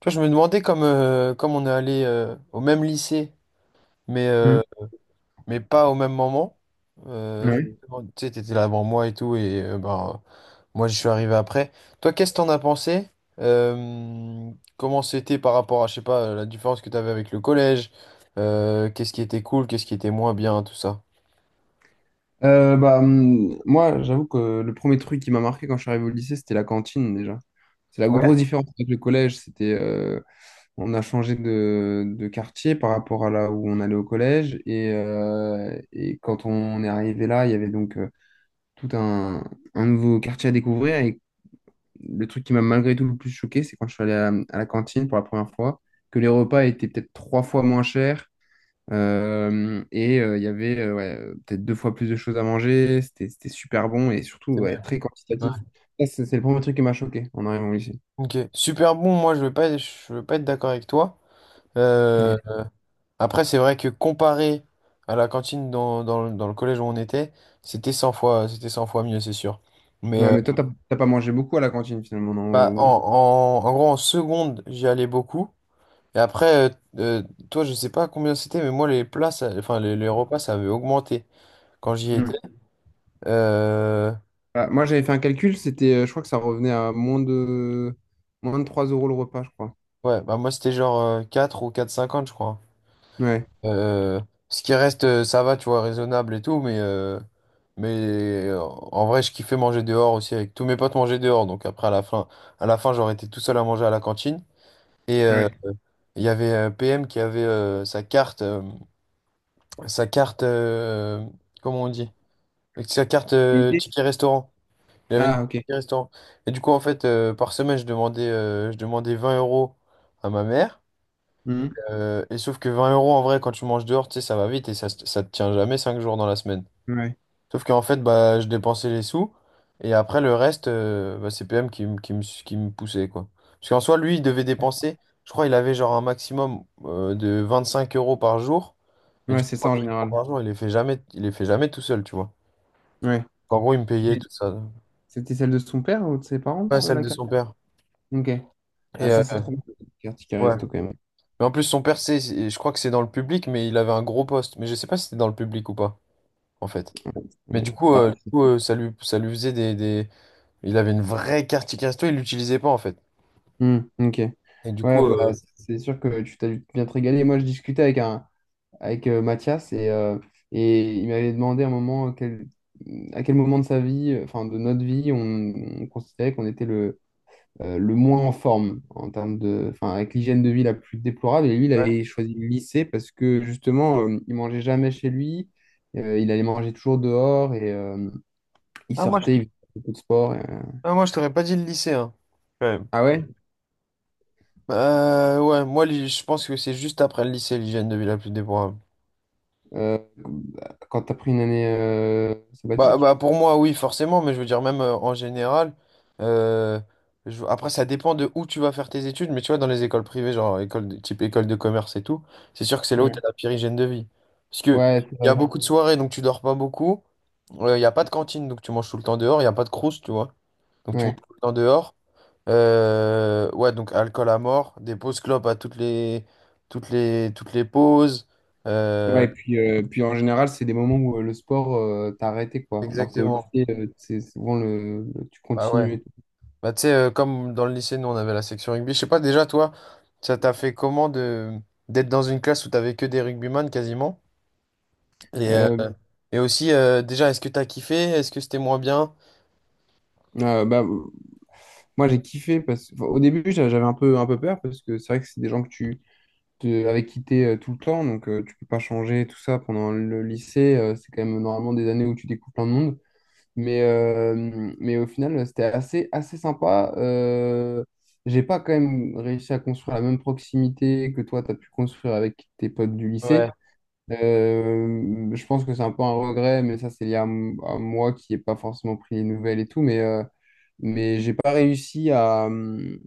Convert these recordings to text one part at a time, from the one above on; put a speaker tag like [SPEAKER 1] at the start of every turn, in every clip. [SPEAKER 1] Tu vois, je me demandais comme on est allé au même lycée, mais, euh,
[SPEAKER 2] Mm.
[SPEAKER 1] mais pas au même moment. Euh, je
[SPEAKER 2] Ouais.
[SPEAKER 1] me demande- tu sais, t'étais là avant moi et tout, et moi je suis arrivé après. Toi, qu'est-ce que t'en as pensé? Euh, Comment c'était par rapport à, je sais pas, la différence que t'avais avec le collège? Qu'est-ce qui était cool, qu'est-ce qui était moins bien, tout ça?
[SPEAKER 2] Moi, j'avoue que le premier truc qui m'a marqué quand je suis arrivé au lycée, c'était la cantine déjà. C'est la
[SPEAKER 1] Ouais.
[SPEAKER 2] grosse différence avec le collège. On a changé de quartier par rapport à là où on allait au collège. Et quand on est arrivé là, il y avait tout un nouveau quartier à découvrir. Et le truc qui m'a malgré tout le plus choqué, c'est quand je suis allé à la cantine pour la première fois, que les repas étaient peut-être trois fois moins chers. Il y avait ouais, peut-être deux fois plus de choses à manger. C'était super bon et surtout
[SPEAKER 1] C'est mieux.
[SPEAKER 2] ouais, très
[SPEAKER 1] Ouais.
[SPEAKER 2] quantitatif. Ça, c'est le premier truc qui m'a choqué en arrivant au lycée.
[SPEAKER 1] Ok. Super bon, moi je vais pas être d'accord avec toi. Euh,
[SPEAKER 2] Ouais.
[SPEAKER 1] Après, c'est vrai que comparé à la cantine dans le collège où on était, c'était 100 fois mieux, c'est sûr. Mais
[SPEAKER 2] Ouais, mais toi, t'as pas mangé beaucoup à la cantine finalement, non?
[SPEAKER 1] bah, en gros, en seconde, j'y allais beaucoup. Et après, euh, toi, je sais pas combien c'était, mais moi, enfin, les repas, ça avait augmenté quand j'y
[SPEAKER 2] Hmm.
[SPEAKER 1] étais. Euh,
[SPEAKER 2] Ah, moi, j'avais fait un calcul, je crois que ça revenait à moins de 3 euros le repas, je crois.
[SPEAKER 1] ouais, bah, moi, c'était genre 4 ou 4,50 je crois.
[SPEAKER 2] Ouais.
[SPEAKER 1] Euh, Ce qui reste, ça va, tu vois, raisonnable et tout, mais en vrai, je kiffais manger dehors aussi avec tous mes potes manger dehors. Donc après, à la fin, j'aurais été tout seul à manger à la cantine. Et
[SPEAKER 2] Ouais.
[SPEAKER 1] il y avait PM qui avait sa carte, sa carte, euh, comment on dit? Avec sa carte
[SPEAKER 2] L'idée?
[SPEAKER 1] ticket restaurant. Il avait une
[SPEAKER 2] Ah,
[SPEAKER 1] carte
[SPEAKER 2] ok.
[SPEAKER 1] ticket restaurant. Et du coup, en fait, par semaine, je demandais 20 € à ma mère.
[SPEAKER 2] Hmm.
[SPEAKER 1] Et sauf que 20 € en vrai, quand tu manges dehors, tu sais, ça va vite et ça te tient jamais 5 jours dans la semaine.
[SPEAKER 2] Ouais.
[SPEAKER 1] Sauf qu'en fait, bah, je dépensais les sous et après le reste, bah, c'est PM qui me poussait quoi. Parce qu'en soi, lui, il devait dépenser, je crois, il avait genre un maximum de 25 € par jour. Mais
[SPEAKER 2] Ouais,
[SPEAKER 1] du coup,
[SPEAKER 2] c'est ça en
[SPEAKER 1] 25 €
[SPEAKER 2] général.
[SPEAKER 1] par jour, il les fait jamais, il les fait jamais tout seul, tu vois.
[SPEAKER 2] Ouais.
[SPEAKER 1] En gros, il me payait
[SPEAKER 2] Mais
[SPEAKER 1] tout ça.
[SPEAKER 2] c'était celle de son père ou de ses parents,
[SPEAKER 1] Pas
[SPEAKER 2] ça,
[SPEAKER 1] celle
[SPEAKER 2] la
[SPEAKER 1] de
[SPEAKER 2] carte?
[SPEAKER 1] son père.
[SPEAKER 2] Ok.
[SPEAKER 1] Et
[SPEAKER 2] Ah, ça, c'est trop bien, la carte qui
[SPEAKER 1] ouais.
[SPEAKER 2] resto quand même.
[SPEAKER 1] Mais en plus, son père, je crois que c'est dans le public, mais il avait un gros poste. Mais je sais pas si c'était dans le public ou pas, en fait. Mais
[SPEAKER 2] Ouais.
[SPEAKER 1] du coup,
[SPEAKER 2] Bah,
[SPEAKER 1] ça lui faisait des- Il avait une vraie carte ticket resto, il l'utilisait pas en fait.
[SPEAKER 2] hmm, ok.
[SPEAKER 1] Et du coup...
[SPEAKER 2] Ouais, bah,
[SPEAKER 1] euh,
[SPEAKER 2] c'est sûr que tu t'as dû bien te régaler. Moi, je discutais avec Mathias et il m'avait demandé à un moment à quel moment de sa vie, enfin de notre vie, on considérait qu'on était le moins en forme en termes de, enfin, avec l'hygiène de vie la plus déplorable. Et lui, il
[SPEAKER 1] ouais.
[SPEAKER 2] avait choisi le lycée parce que justement, il mangeait jamais chez lui, il allait manger toujours dehors et il
[SPEAKER 1] Ah, moi, je
[SPEAKER 2] sortait, il
[SPEAKER 1] te-
[SPEAKER 2] faisait beaucoup de sport.
[SPEAKER 1] ah, moi, je t'aurais pas dit le lycée, hein. Quand même.
[SPEAKER 2] Ah ouais?
[SPEAKER 1] Ouais, moi, je pense que c'est juste après le lycée, l'hygiène de vie la plus déplorable.
[SPEAKER 2] Euh, quand t'as pris une année
[SPEAKER 1] Bah,
[SPEAKER 2] sabbatique.
[SPEAKER 1] bah, pour moi, oui, forcément, mais je veux dire, même en général, euh, après, ça dépend de où tu vas faire tes études, mais tu vois, dans les écoles privées, genre type école de commerce et tout, c'est sûr que c'est là où tu
[SPEAKER 2] Ouais,
[SPEAKER 1] as la pire hygiène de vie. Parce que
[SPEAKER 2] ouais, c'est
[SPEAKER 1] il y a
[SPEAKER 2] vrai.
[SPEAKER 1] beaucoup de soirées, donc tu dors pas beaucoup, il n'y a pas de cantine, donc tu manges tout le temps dehors, il n'y a pas de croust, tu vois, donc tu manges
[SPEAKER 2] Ouais.
[SPEAKER 1] tout le temps dehors. Ouais, donc alcool à mort, des pauses clopes à toutes les pauses. euh,
[SPEAKER 2] Ouais, et puis, puis en général, c'est des moments où le sport, t'as arrêté, quoi. Alors qu'au
[SPEAKER 1] exactement.
[SPEAKER 2] lycée, c'est souvent tu
[SPEAKER 1] Bah ouais.
[SPEAKER 2] continues et tout.
[SPEAKER 1] Bah, tu sais, comme dans le lycée, nous, on avait la section rugby. Je sais pas, déjà, toi, ça t'a fait comment de d'être dans une classe où t'avais que des rugbyman quasiment? Et, euh,
[SPEAKER 2] Euh,
[SPEAKER 1] et aussi, déjà, est-ce que t'as kiffé? Est-ce que c'était moins bien?
[SPEAKER 2] euh, bah, euh, Moi, j'ai kiffé parce que, enfin, au début, j'avais un peu peur parce que c'est vrai que c'est des gens avec qui t'es tout le temps, donc tu peux pas changer tout ça pendant le lycée. C'est quand même normalement des années où tu découvres plein de monde. Mais, euh, mais au final, c'était assez sympa. J'ai pas quand même réussi à construire la même proximité que toi, tu as pu construire avec tes potes du
[SPEAKER 1] Ouais,
[SPEAKER 2] lycée. Je pense que c'est un peu un regret, mais ça, c'est lié à moi qui n'ai pas forcément pris les nouvelles et tout. Mais j'ai pas réussi à, hum,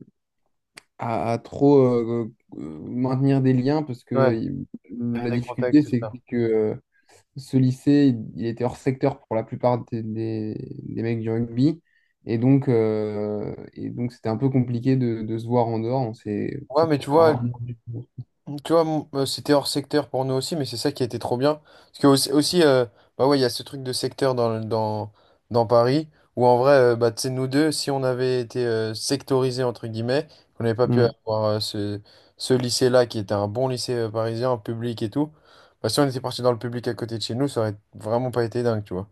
[SPEAKER 2] à, à trop maintenir des liens parce que
[SPEAKER 1] ouais. Faire
[SPEAKER 2] la
[SPEAKER 1] des contacts,
[SPEAKER 2] difficulté,
[SPEAKER 1] tout
[SPEAKER 2] c'est
[SPEAKER 1] ça.
[SPEAKER 2] que ce lycée, il était hors secteur pour la plupart des mecs du rugby. Et donc c'était un peu compliqué de se voir en dehors. On s'est en
[SPEAKER 1] Ouais,
[SPEAKER 2] fait
[SPEAKER 1] mais tu vois,
[SPEAKER 2] rarement vu.
[SPEAKER 1] Tu vois, mon- euh, c'était hors secteur pour nous aussi, mais c'est ça qui était trop bien. Parce que aussi, bah ouais, il y a ce truc de secteur dans Paris, où en vrai, bah, tu sais, nous deux, si on avait été sectorisés, entre guillemets, qu'on n'avait pas pu
[SPEAKER 2] Hmm.
[SPEAKER 1] avoir ce lycée-là, qui était un bon lycée parisien, public et tout, bah, si on était parti dans le public à côté de chez nous, ça aurait vraiment pas été dingue, tu vois.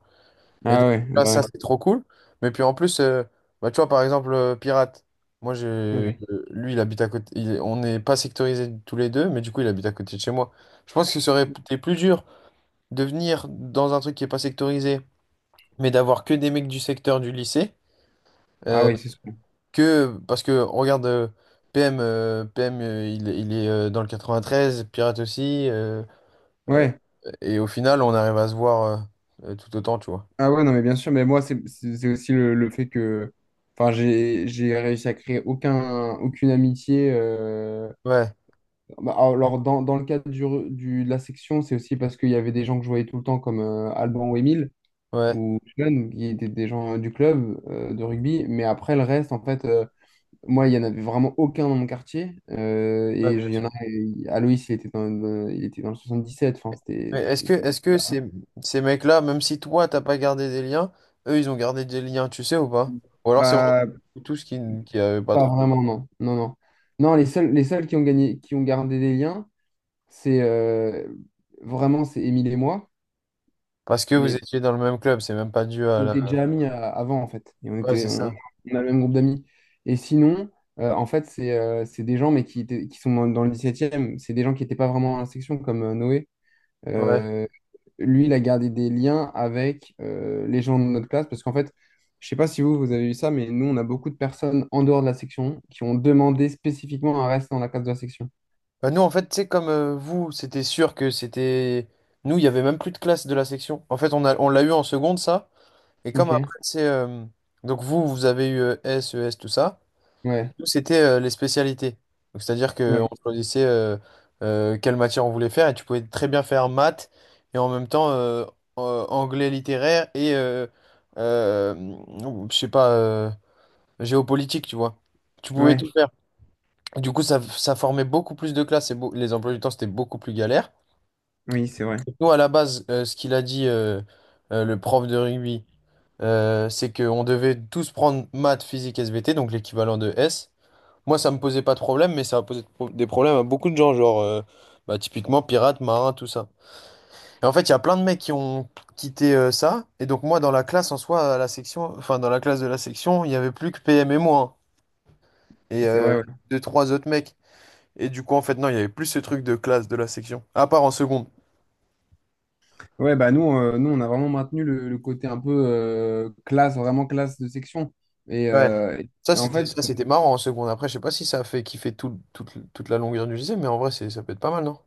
[SPEAKER 1] Et donc
[SPEAKER 2] Ah ouais,
[SPEAKER 1] là,
[SPEAKER 2] bah
[SPEAKER 1] ça,
[SPEAKER 2] ouais.
[SPEAKER 1] c'est trop cool. Mais puis en plus, bah, tu vois, par exemple, Pirate, moi, j'ai, euh,
[SPEAKER 2] Ouais.
[SPEAKER 1] lui, il habite à côté. On n'est pas sectorisés tous les deux, mais du coup, il habite à côté de chez moi. Je pense que ce serait peut-être plus dur de venir dans un truc qui n'est pas sectorisé, mais d'avoir que des mecs du secteur du lycée.
[SPEAKER 2] Ah
[SPEAKER 1] euh,
[SPEAKER 2] ouais, c'est sûr.
[SPEAKER 1] parce que, regarde, PM il est, dans le 93, Pirate aussi. Euh,
[SPEAKER 2] Ouais.
[SPEAKER 1] et au final, on arrive à se voir tout autant, tu vois.
[SPEAKER 2] Ah ouais, non, mais bien sûr. Mais moi, c'est aussi le fait que. Enfin, j'ai réussi à créer aucun, aucune amitié.
[SPEAKER 1] Ouais,
[SPEAKER 2] Alors, dans le cadre du, de la section, c'est aussi parce qu'il y avait des gens que je voyais tout le temps, comme Alban ou Émile,
[SPEAKER 1] ouais.
[SPEAKER 2] ou jeunes qui étaient des gens du club de rugby. Mais après, le reste, en fait, moi, il n'y en avait vraiment aucun dans mon quartier.
[SPEAKER 1] Ouais,
[SPEAKER 2] Il y en a, Aloïs, il était dans le 77. Enfin,
[SPEAKER 1] mais est-ce que,
[SPEAKER 2] c'était.
[SPEAKER 1] est-ce que ces mecs-là, même si toi, t'as pas gardé des liens, eux, ils ont gardé des liens, tu sais ou pas? Ou alors c'est vraiment
[SPEAKER 2] Bah,
[SPEAKER 1] tous qui avaient pas
[SPEAKER 2] pas
[SPEAKER 1] trop.
[SPEAKER 2] vraiment, non. Non, non. Non, les seuls qui ont gagné, qui ont gardé des liens, c'est euh, c'est Émile et moi.
[SPEAKER 1] Parce que vous étiez dans le même club, c'est même pas dû à
[SPEAKER 2] On
[SPEAKER 1] la...
[SPEAKER 2] était déjà amis avant, en fait.
[SPEAKER 1] Ouais, c'est ça.
[SPEAKER 2] On a le même groupe d'amis. Et sinon, en fait, c'est des gens, qui sont dans le dix-septième. C'est des gens qui n'étaient pas vraiment à la section, comme Noé.
[SPEAKER 1] Ouais.
[SPEAKER 2] Euh, Lui, il a gardé des liens avec les gens de notre classe, parce qu'en fait, je sais pas si vous, vous avez eu ça, mais nous, on a beaucoup de personnes en dehors de la section qui ont demandé spécifiquement à rester dans la classe de la section.
[SPEAKER 1] Bah, nous, en fait, c'est comme vous, c'était sûr que c'était... Nous, il y avait même plus de classe de la section. En fait, on l'a eu en seconde, ça. Et comme
[SPEAKER 2] Ok.
[SPEAKER 1] après, c'est... Donc vous, vous avez eu S, ES, tout ça.
[SPEAKER 2] Ouais.
[SPEAKER 1] Nous, c'était les spécialités. Donc, c'est-à-dire qu'on
[SPEAKER 2] Ouais.
[SPEAKER 1] choisissait quelle matière on voulait faire et tu pouvais très bien faire maths et en même temps anglais littéraire et euh, je sais pas, géopolitique, tu vois. Tu pouvais
[SPEAKER 2] Ouais.
[SPEAKER 1] tout faire. Du coup, ça formait beaucoup plus de classes et les emplois du temps, c'était beaucoup plus galère.
[SPEAKER 2] Oui, c'est vrai.
[SPEAKER 1] Nous, à la base, ce qu'il a dit le prof de rugby, c'est qu'on devait tous prendre maths, physique, SVT, donc l'équivalent de S. Moi, ça me posait pas de problème, mais ça a posé des problèmes à beaucoup de gens, genre bah, typiquement pirates, marins, tout ça. Et en fait, il y a plein de mecs qui ont quitté ça. Et donc moi, dans la classe en soi, à la section, enfin dans la classe de la section, il y avait plus que PM et moi hein, et
[SPEAKER 2] C'est vrai, ouais.
[SPEAKER 1] deux trois autres mecs. Et du coup, en fait, non, il y avait plus ce truc de classe de la section, à part en seconde.
[SPEAKER 2] Ouais, bah nous, on a vraiment maintenu le côté un peu classe, vraiment classe de section. Et,
[SPEAKER 1] Ouais.
[SPEAKER 2] euh,
[SPEAKER 1] Ça,
[SPEAKER 2] et en
[SPEAKER 1] c'était
[SPEAKER 2] fait,
[SPEAKER 1] ça, c'était marrant en seconde. Après, je sais pas si ça a fait kiffer toute la longueur du lycée, mais en vrai, c'est ça peut être pas mal, non?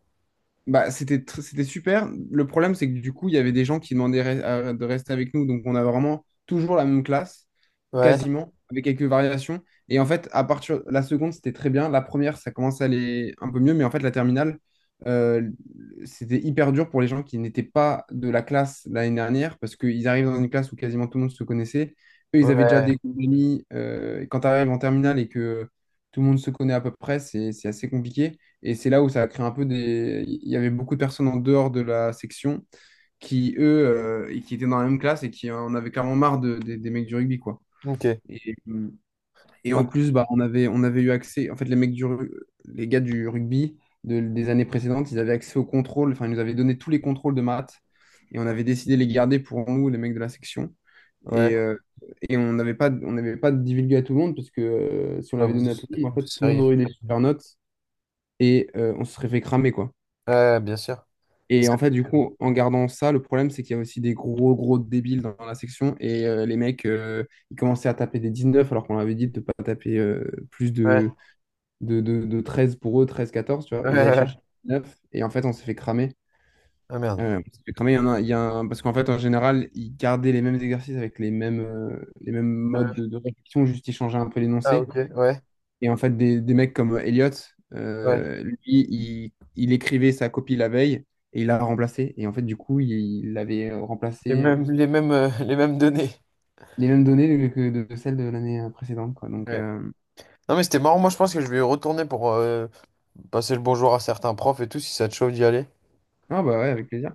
[SPEAKER 2] bah, c'était super. Le problème, c'est que du coup, il y avait des gens qui demandaient de rester avec nous. Donc, on a vraiment toujours la même classe,
[SPEAKER 1] Ouais.
[SPEAKER 2] quasiment, avec quelques variations. Et en fait, à partir la seconde, c'était très bien. La première, ça commence à aller un peu mieux, mais en fait, la terminale, euh, c'était hyper dur pour les gens qui n'étaient pas de la classe l'année dernière, parce qu'ils arrivent dans une classe où quasiment tout le monde se connaissait. Eux, ils avaient déjà
[SPEAKER 1] Ouais.
[SPEAKER 2] des amis. Et quand tu arrives en terminale et que tout le monde se connaît à peu près, c'est assez compliqué. Et c'est là où ça a créé un peu des... Il y avait beaucoup de personnes en dehors de la section qui, eux, qui étaient dans la même classe et qui en avaient clairement marre des mecs du rugby, quoi.
[SPEAKER 1] Ok.
[SPEAKER 2] Et, et en
[SPEAKER 1] Ok.
[SPEAKER 2] plus, bah, on avait eu accès, en fait, les gars du rugby des années précédentes, ils avaient accès aux contrôles, enfin, ils nous avaient donné tous les contrôles de maths et on avait décidé de les garder pour nous, les mecs de la section. Et,
[SPEAKER 1] Ouais.
[SPEAKER 2] euh, et on n'avait pas divulgué à tout le monde parce que si on
[SPEAKER 1] Ah,
[SPEAKER 2] l'avait donné à tout le monde,
[SPEAKER 1] vous
[SPEAKER 2] en fait, tout le monde
[SPEAKER 1] seriez-
[SPEAKER 2] aurait eu des super notes et on se serait fait cramer, quoi.
[SPEAKER 1] Ouais, bien sûr.
[SPEAKER 2] Et en fait, du coup, en gardant ça, le problème, c'est qu'il y a aussi des gros, gros débiles dans la section. Et ils commençaient à taper des 19, alors qu'on avait dit de ne pas taper euh, plus
[SPEAKER 1] Ouais,
[SPEAKER 2] de, de, de, de 13 pour eux, 13-14, tu vois.
[SPEAKER 1] ouais,
[SPEAKER 2] Ils allaient
[SPEAKER 1] ouais.
[SPEAKER 2] chercher
[SPEAKER 1] Ouais.
[SPEAKER 2] 19, et en fait, on s'est fait cramer.
[SPEAKER 1] Ah merde.
[SPEAKER 2] On s'est fait cramer, il y a parce qu'en fait, en général, ils gardaient les mêmes exercices avec les mêmes modes
[SPEAKER 1] Euh,
[SPEAKER 2] de réflexion, juste ils changeaient un peu
[SPEAKER 1] Ah
[SPEAKER 2] l'énoncé.
[SPEAKER 1] ok, ouais,
[SPEAKER 2] Et en fait, des mecs comme Elliot,
[SPEAKER 1] ouais.
[SPEAKER 2] il écrivait sa copie la veille et il l'a remplacée. Et en fait, du coup, il avait
[SPEAKER 1] Les
[SPEAKER 2] remplacé
[SPEAKER 1] mêmes, les mêmes données.
[SPEAKER 2] les mêmes données que de celles de l'année précédente, quoi. Donc,
[SPEAKER 1] Ouais. Non mais c'était marrant, moi je pense que je vais retourner pour passer le bonjour à certains profs et tout, si ça te chauffe d'y aller.
[SPEAKER 2] ah bah ouais, avec plaisir.